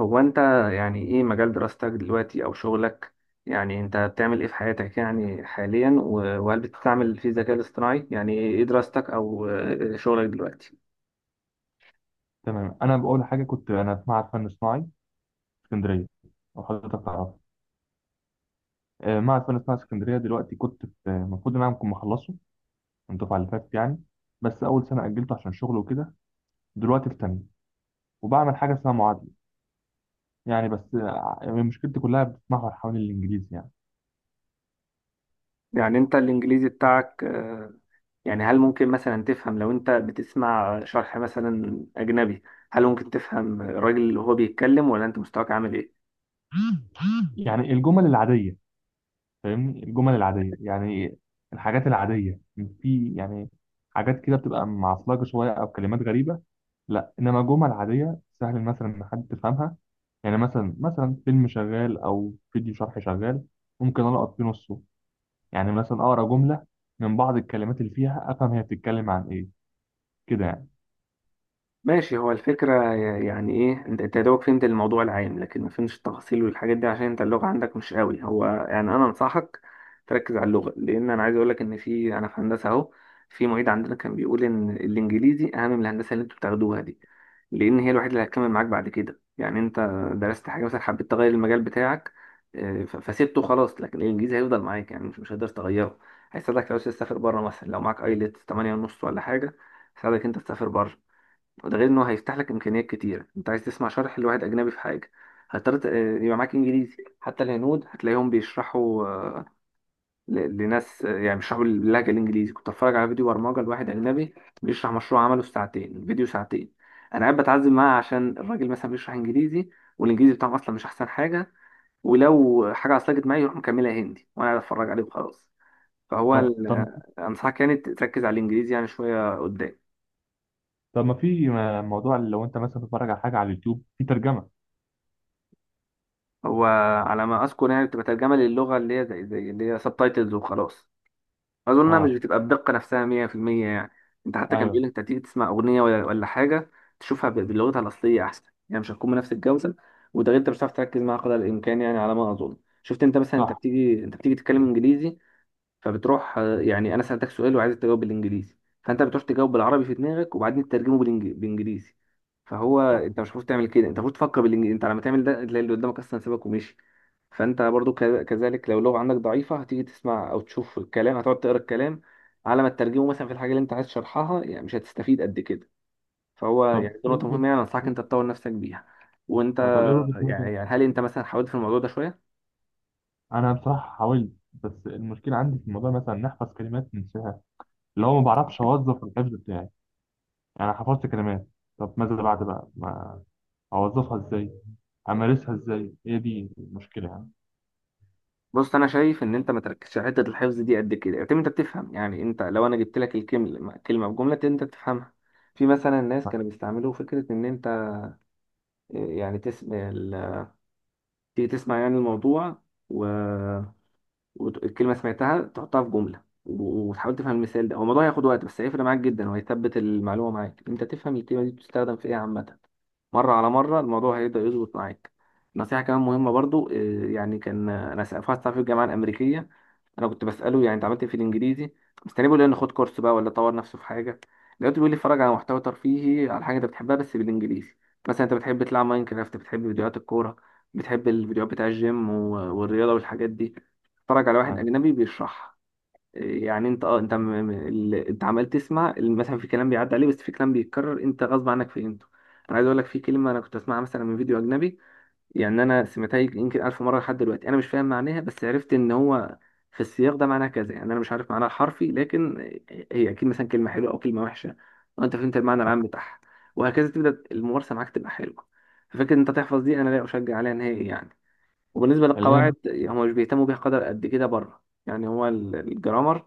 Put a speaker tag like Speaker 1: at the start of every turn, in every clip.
Speaker 1: هو انت، يعني ايه مجال دراستك دلوقتي او شغلك؟ يعني انت بتعمل ايه في حياتك يعني حاليا، وهل بتستعمل فيه الذكاء الاصطناعي؟ يعني ايه دراستك او شغلك دلوقتي؟
Speaker 2: تمام، انا بقول حاجه. كنت انا في معهد فن صناعي اسكندريه، او حضرتك تعرفه؟ معهد فن صناعي اسكندريه دلوقتي. كنت في المفروض ان انا كنت مخلصه من الدفعه اللي فاتت يعني، بس اول سنه اجلته عشان شغل وكده. دلوقتي في تانيه وبعمل حاجه اسمها معادله. يعني بس مشكلتي كلها بتتمحور حوالين الانجليزي يعني.
Speaker 1: يعني انت الانجليزي بتاعك، يعني هل ممكن مثلا تفهم لو انت بتسمع شرح مثلا اجنبي؟ هل ممكن تفهم الراجل اللي هو بيتكلم، ولا انت مستواك عامل ايه؟
Speaker 2: يعني الجمل العاديه فاهمني، الجمل العاديه يعني، الحاجات العاديه. في يعني حاجات كده بتبقى معصلجه شويه او كلمات غريبه. لا، انما جمل عاديه سهل مثلا ان حد تفهمها. يعني مثلا فيلم شغال او فيديو شرح شغال، ممكن القط فيه نصه. يعني مثلا اقرا جمله، من بعض الكلمات اللي فيها افهم هي بتتكلم عن ايه كده يعني.
Speaker 1: ماشي، هو الفكرة يعني ايه، انت يا دوبك فهمت الموضوع العام لكن ما فهمتش التفاصيل والحاجات دي عشان انت اللغة عندك مش قوي. هو يعني انا انصحك تركز على اللغة، لان انا عايز اقولك ان انا في هندسة اهو، في معيد عندنا كان بيقول ان الانجليزي اهم من الهندسة اللي انتوا بتاخدوها دي، لان هي الوحيدة اللي هتكمل معاك بعد كده. يعني انت درست حاجة مثلا، حبيت تغير المجال بتاعك، فسيبته خلاص، لكن الانجليزي هيفضل معاك، يعني مش هتقدر تغيره. هيساعدك لو عايز تسافر بره، مثلا لو معاك ايلتس 8 ونص ولا حاجة، يساعدك انت تسافر بره. وده غير انه هيفتح لك امكانيات كتيره. انت عايز تسمع شرح لواحد اجنبي في حاجه هتضطر يبقى معاك انجليزي. حتى الهنود هتلاقيهم بيشرحوا، لناس يعني بيشرحوا باللهجه الانجليزي. كنت اتفرج على فيديو برمجه لواحد اجنبي بيشرح مشروع عمله في ساعتين، الفيديو ساعتين، انا قاعد بتعذب معاه عشان الراجل مثلا بيشرح انجليزي، والانجليزي بتاعهم اصلا مش احسن حاجه، ولو حاجه عصلجت معايا يروح مكملها هندي وانا قاعد اتفرج عليه وخلاص. فهو
Speaker 2: طب طب
Speaker 1: انصحك يعني تركز على الانجليزي يعني شويه قدام.
Speaker 2: طب ما في موضوع اللي لو انت مثلا بتتفرج على حاجه على اليوتيوب في ترجمه.
Speaker 1: هو، على ما اذكر، يعني بتبقى ترجمه للغه، اللي هي زي اللي هي سب تايتلز وخلاص. اظن انها مش
Speaker 2: اه.
Speaker 1: بتبقى الدقه نفسها 100% يعني. انت حتى كان
Speaker 2: ايوه.
Speaker 1: بيقول لك انت تيجي تسمع اغنيه ولا حاجه، تشوفها بلغتها الاصليه احسن. يعني مش هتكون بنفس الجوده. وده غير انت مش هتعرف تركز معاها قدر الامكان، يعني على ما اظن. شفت انت مثلا، انت
Speaker 2: صح،
Speaker 1: بتيجي انت بتيجي تتكلم انجليزي، فبتروح يعني، انا سالتك سؤال وعايز تجاوب بالانجليزي، فانت بتروح تجاوب بالعربي في دماغك وبعدين تترجمه بالانجليزي. فهو
Speaker 2: صح.
Speaker 1: انت مش المفروض تعمل كده، انت المفروض تفكر بالانجليزي. انت لما تعمل ده تلاقي اللي قدامك اصلا سابك ومشي. فانت برضو كذلك، لو اللغه عندك ضعيفه هتيجي تسمع او تشوف الكلام، هتقعد تقرا الكلام على ما تترجمه، مثلا في الحاجه اللي انت عايز تشرحها، يعني مش هتستفيد قد كده. فهو
Speaker 2: طب
Speaker 1: يعني دي
Speaker 2: ايه
Speaker 1: نقطه
Speaker 2: وجهه
Speaker 1: مهمه، يعني انصحك انت تطور نفسك بيها. وانت
Speaker 2: طب ايه وجهه نظرك؟
Speaker 1: يعني هل انت مثلا حاولت في الموضوع ده
Speaker 2: انا بصراحه حاولت، بس المشكله عندي في الموضوع مثلا ان احفظ كلمات ننساها. اللي هو ما
Speaker 1: شويه؟
Speaker 2: بعرفش اوظف الحفظ بتاعي يعني. أنا حفظت كلمات، طب ماذا بعد بقى؟ ما اوظفها ازاي؟ امارسها ازاي؟ هي دي المشكله يعني.
Speaker 1: بص، انا شايف ان انت ما تركزش على حته الحفظ دي قد كده، يعتمد انت بتفهم، يعني انت لو انا جبت لك الكلمه، كلمه بجمله انت بتفهمها. في مثلا الناس كانوا بيستعملوا فكره ان انت يعني تيجي تسمع يعني الموضوع، والكلمة سمعتها تحطها في جملة وتحاول تفهم المثال ده. هو الموضوع هياخد وقت بس هيفرق معاك جدا، وهيثبت المعلومة معاك، انت تفهم الكلمة دي بتستخدم في ايه عامة. مرة على مرة الموضوع هيبدأ يظبط معاك. نصيحة كمان مهمة برضو، يعني كان، في واحد صاحبي في الجامعة الأمريكية، أنا كنت بسأله يعني أنت عملت إيه في الإنجليزي، مستني بيقول لي إن خد كورس بقى ولا طور نفسه في حاجة. لقيته بيقول لي اتفرج على محتوى ترفيهي، على حاجة أنت بتحبها بس بالإنجليزي. مثلا أنت بتحب تلعب ماينكرافت، بتحب فيديوهات الكورة، بتحب الفيديوهات بتاع الجيم والرياضة والحاجات دي، اتفرج على واحد
Speaker 2: آه.
Speaker 1: اجنبي بيشرحها. إيه يعني؟ انت اه انت م... م- ال- انت عمال تسمع، مثلا في كلام بيعدي عليه، بس في كلام بيتكرر انت غصب عنك فهمته. انا عايز اقول لك في كلمه انا كنت اسمعها مثلا من فيديو اجنبي، يعني انا سمعتها يمكن الف مره لحد دلوقتي، انا مش فاهم معناها بس عرفت ان هو في السياق ده معناها كذا. يعني انا مش عارف معناها حرفي، لكن هي اكيد مثلا كلمه حلوه او كلمه وحشه، وانت فهمت المعنى
Speaker 2: آه.
Speaker 1: العام بتاعها. وهكذا تبدا الممارسه معاك تبقى حلوه. ففكره ان انت تحفظ دي انا لا اشجع عليها نهائي يعني. وبالنسبة
Speaker 2: اللي هي
Speaker 1: للقواعد،
Speaker 2: مثلا.
Speaker 1: هم مش بيهتموا بيها قدر قد كده بره، يعني هو الجرامر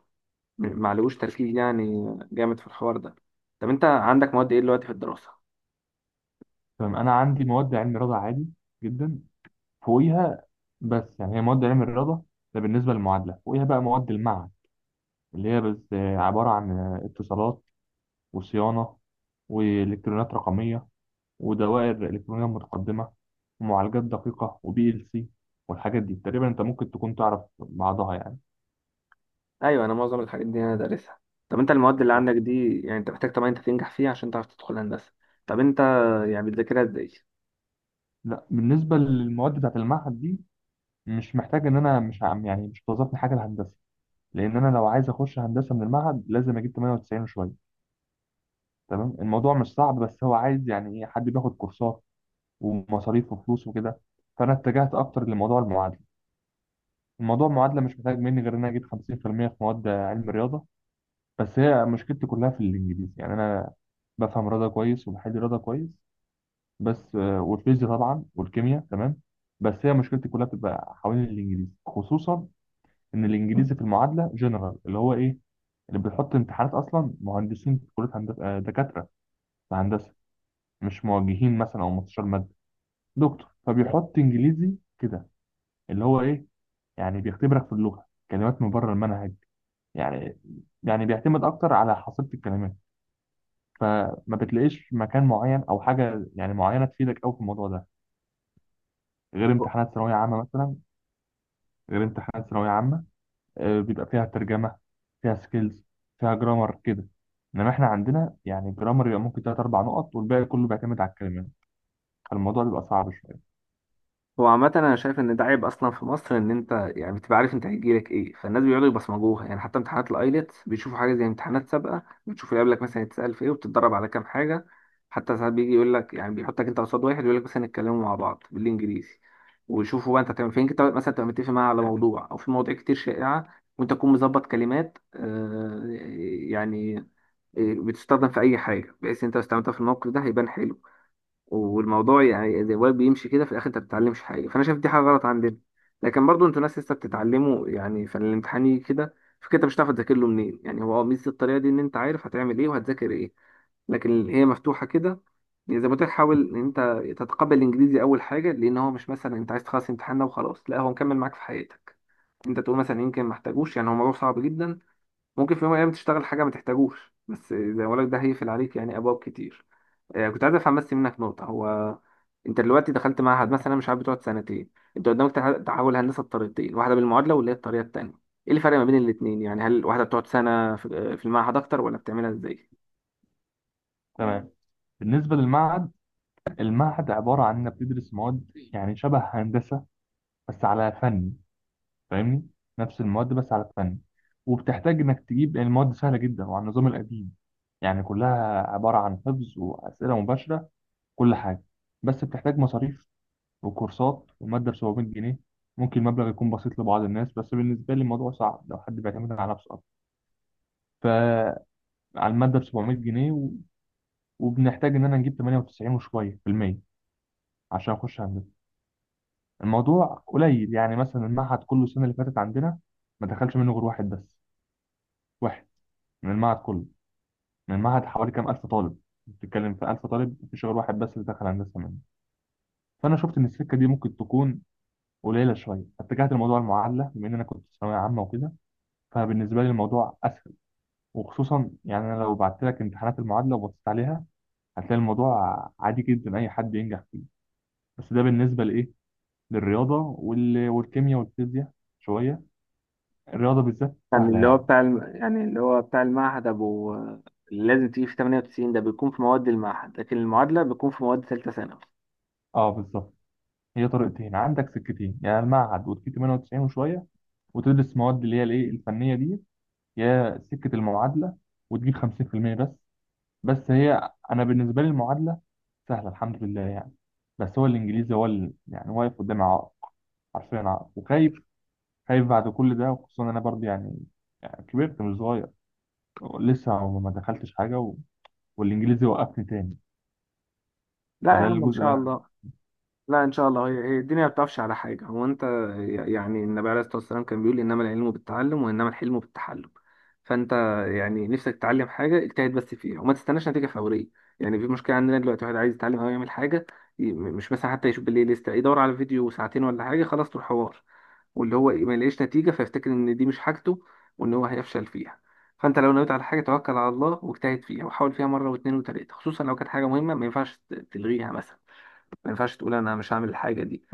Speaker 1: معلوش تركيز يعني، جامد في الحوار ده. طب انت عندك مواد ايه دلوقتي في الدراسة؟
Speaker 2: تمام، انا عندي مواد علم رياضه عادي جدا فوقيها. بس يعني هي مواد علم الرياضه. ده بالنسبه للمعادله. فوقيها بقى مواد المعهد اللي هي بس عباره عن اتصالات وصيانه والكترونيات رقميه ودوائر الكترونيه متقدمه ومعالجات دقيقه وبي ال سي، والحاجات دي تقريبا انت ممكن تكون تعرف بعضها يعني.
Speaker 1: ايوه، انا معظم الحاجات دي انا دارسها. طب انت المواد اللي
Speaker 2: لا،
Speaker 1: عندك دي يعني انت محتاج طبعا انت تنجح فيها عشان تعرف تدخل هندسة. طب انت يعني بتذاكرها ازاي؟
Speaker 2: لا، بالنسبه للمواد بتاعت المعهد دي، مش محتاج ان انا مش عم يعني مش بتوظفني حاجه الهندسه. لان انا لو عايز اخش هندسه من المعهد لازم اجيب 98 وشويه. تمام، الموضوع مش صعب بس هو عايز يعني ايه، حد بياخد كورسات ومصاريف وفلوس وكده. فانا اتجهت اكتر لموضوع المعادله. الموضوع المعادله مش محتاج مني غير ان انا اجيب 50% في المية في مواد علم الرياضه. بس هي مشكلتي كلها في الانجليزي يعني. انا بفهم رياضه كويس وبحل رياضه كويس. بس والفيزياء طبعا والكيمياء تمام. بس هي مشكلتي كلها بتبقى حوالين الانجليزي، خصوصا ان الانجليزي في المعادله جنرال، اللي هو ايه؟ اللي بيحط امتحانات اصلا مهندسين في كليه هندسه، دكاتره في هندسه، مش موجهين مثلا او مستشار ماده دكتور. فبيحط انجليزي كده، اللي هو ايه؟ يعني بيختبرك في اللغه، كلمات من بره المنهج يعني. يعني بيعتمد اكتر على حصيله الكلمات. فما بتلاقيش مكان معين او حاجه يعني معينه تفيدك قوي في الموضوع ده، غير امتحانات ثانويه عامه مثلا غير امتحانات ثانويه عامه، بيبقى فيها ترجمة، فيها سكيلز، فيها جرامر كده. انما احنا عندنا يعني جرامر يبقى ممكن تلات اربع نقط، والباقي كله بيعتمد على الكلمات. فالموضوع بيبقى صعب شوية.
Speaker 1: هو عامة أنا شايف إن ده عيب أصلا في مصر، إن أنت يعني بتبقى عارف أنت هيجيلك إيه، فالناس بيقعدوا يبصمجوها. يعني حتى امتحانات الأيلتس بيشوفوا حاجة زي امتحانات سابقة، بتشوفوا يقابلك مثلا يتسأل في إيه، وبتتدرب على كام حاجة. حتى ساعات بيجي يقول لك، يعني بيحطك أنت قصاد واحد يقول لك مثلا اتكلموا مع بعض بالإنجليزي، ويشوفوا بقى أنت هتعمل فين. أنت مثلا تبقى متفق معاه على موضوع، أو في مواضيع كتير شائعة وأنت تكون مظبط كلمات، يعني بتستخدم في أي حاجة، بحيث أنت لو استخدمتها في الموقف ده هيبان حلو. والموضوع يعني الواد بيمشي كده، في الاخر انت ما بتتعلمش حاجه. فانا شايف دي حاجه غلط عندنا، لكن برضو انتوا ناس لسه بتتعلموا، يعني فالامتحان يجي كده، فكده انت مش هتعرف تذاكر له منين. يعني هو ميزه الطريقه دي ان انت عارف هتعمل ايه وهتذاكر ايه، لكن هي مفتوحه كده. يعني زي ما قلت لك، حاول ان انت تتقبل الانجليزي اول حاجه، لان هو مش مثلا انت عايز تخلص امتحان ده وخلاص، لا، هو مكمل معاك في حياتك. انت تقول مثلا يمكن ما احتاجوش، يعني هو موضوع صعب جدا ممكن في يوم من الايام تشتغل حاجه ما تحتاجوش، بس زي ما بقول لك ده هيقفل عليك يعني ابواب كتير. كنت عايز افهم بس منك نقطة. هو انت دلوقتي دخلت معهد مثلا، مش عارف بتقعد سنتين، انت قدامك تحول هندسة بطريقتين، واحدة بالمعادلة واللي هي الطريقة التانية. ايه الفرق ما بين الاتنين؟ يعني هل واحدة بتقعد سنة في، في المعهد اكتر، ولا بتعملها ازاي؟
Speaker 2: تمام. بالنسبة للمعهد، المعهد عبارة عن انك بتدرس مواد يعني شبه هندسة بس على فن. فاهمني، نفس المواد بس على فن. وبتحتاج انك تجيب يعني. المواد سهلة جدا وعلى النظام القديم، يعني كلها عبارة عن حفظ وأسئلة مباشرة، كل حاجة. بس بتحتاج مصاريف وكورسات ومادة ب 700 جنيه. ممكن المبلغ يكون بسيط لبعض الناس، بس بالنسبة لي الموضوع صعب لو حد بيعتمد على نفسه أكتر. على المادة ب 700 جنيه و وبنحتاج إن أنا نجيب 98 وشوية في المية عشان أخش هندسة. الموضوع قليل يعني. مثلا المعهد كله السنة اللي فاتت عندنا ما دخلش منه غير واحد بس. واحد من المعهد كله، من المعهد حوالي كام ألف طالب. بتتكلم في 1000 طالب، مفيش غير واحد بس اللي دخل هندسة منه. فأنا شفت إن السكة دي ممكن تكون قليلة شوية، فاتجهت لموضوع المعادلة بما إن أنا كنت في ثانوية عامة وكده. فبالنسبة لي الموضوع أسهل. وخصوصا يعني، انا لو بعت لك امتحانات المعادله وبصيت عليها، هتلاقي الموضوع عادي جدا، اي حد ينجح فيه. بس ده بالنسبه لايه، للرياضه والكيمياء والفيزياء شويه. الرياضه بالذات
Speaker 1: يعني
Speaker 2: سهله
Speaker 1: اللي هو
Speaker 2: يعني.
Speaker 1: بتاع الم... يعني اللي هو بتاع المعهد ابو، اللي لازم تيجي في 98 ده بيكون في مواد المعهد، لكن المعادله بيكون في مواد ثالثه ثانوي.
Speaker 2: اه، بالظبط. هي طريقتين عندك سكتين، يعني المعهد وتجيب 98 وشويه وتدرس مواد اللي هي الايه الفنيه دي، يا سكه المعادله وتجيب 50% بس. بس هي انا بالنسبه لي المعادله سهله الحمد لله يعني. بس هو الانجليزي هو اللي يعني واقف قدامي عائق، حرفيا عائق. وخايف، خايف بعد كل ده، وخصوصا انا برضه يعني. يعني كبرت مش صغير، لسه ما دخلتش حاجه والانجليزي وقفني تاني.
Speaker 1: لا يا
Speaker 2: فده
Speaker 1: عم ان
Speaker 2: الجزء اللي
Speaker 1: شاء
Speaker 2: انا
Speaker 1: الله.
Speaker 2: عايزه.
Speaker 1: لا ان شاء الله، هي هي الدنيا ما بتقفش على حاجه. هو انت يعني النبي عليه الصلاه والسلام كان بيقول: انما العلم بالتعلم وانما الحلم بالتحلم. فانت يعني نفسك تتعلم حاجه، اجتهد بس فيها وما تستناش نتيجه فوريه. يعني في مشكله عندنا دلوقتي، واحد عايز يتعلم او يعمل حاجه، مش مثلا حتى يشوف بالليل، لسه يدور على فيديو ساعتين ولا حاجه خلاص طول حوار، واللي هو إيه، ما يلاقيش نتيجه فيفتكر ان دي مش حاجته وان هو هيفشل فيها. فانت لو نويت على حاجه توكل على الله واجتهد فيها، وحاول فيها مره واثنين وثلاثه، خصوصا لو كانت حاجه مهمه ما ينفعش تلغيها مثلا، ما ينفعش تقول انا مش هعمل الحاجه دي.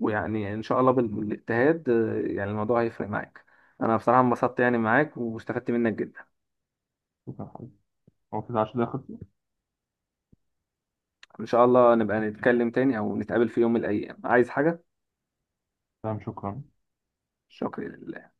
Speaker 1: ويعني ان شاء الله بالاجتهاد، يعني الموضوع هيفرق معاك. انا بصراحه انبسطت يعني معاك، واستفدت منك جدا.
Speaker 2: شكرا حبيبي. هو كده 10 دقايق خلصوا.
Speaker 1: ان شاء الله نبقى نتكلم تاني او نتقابل في يوم من الايام، عايز حاجه.
Speaker 2: تمام، شكرا.
Speaker 1: شكرا.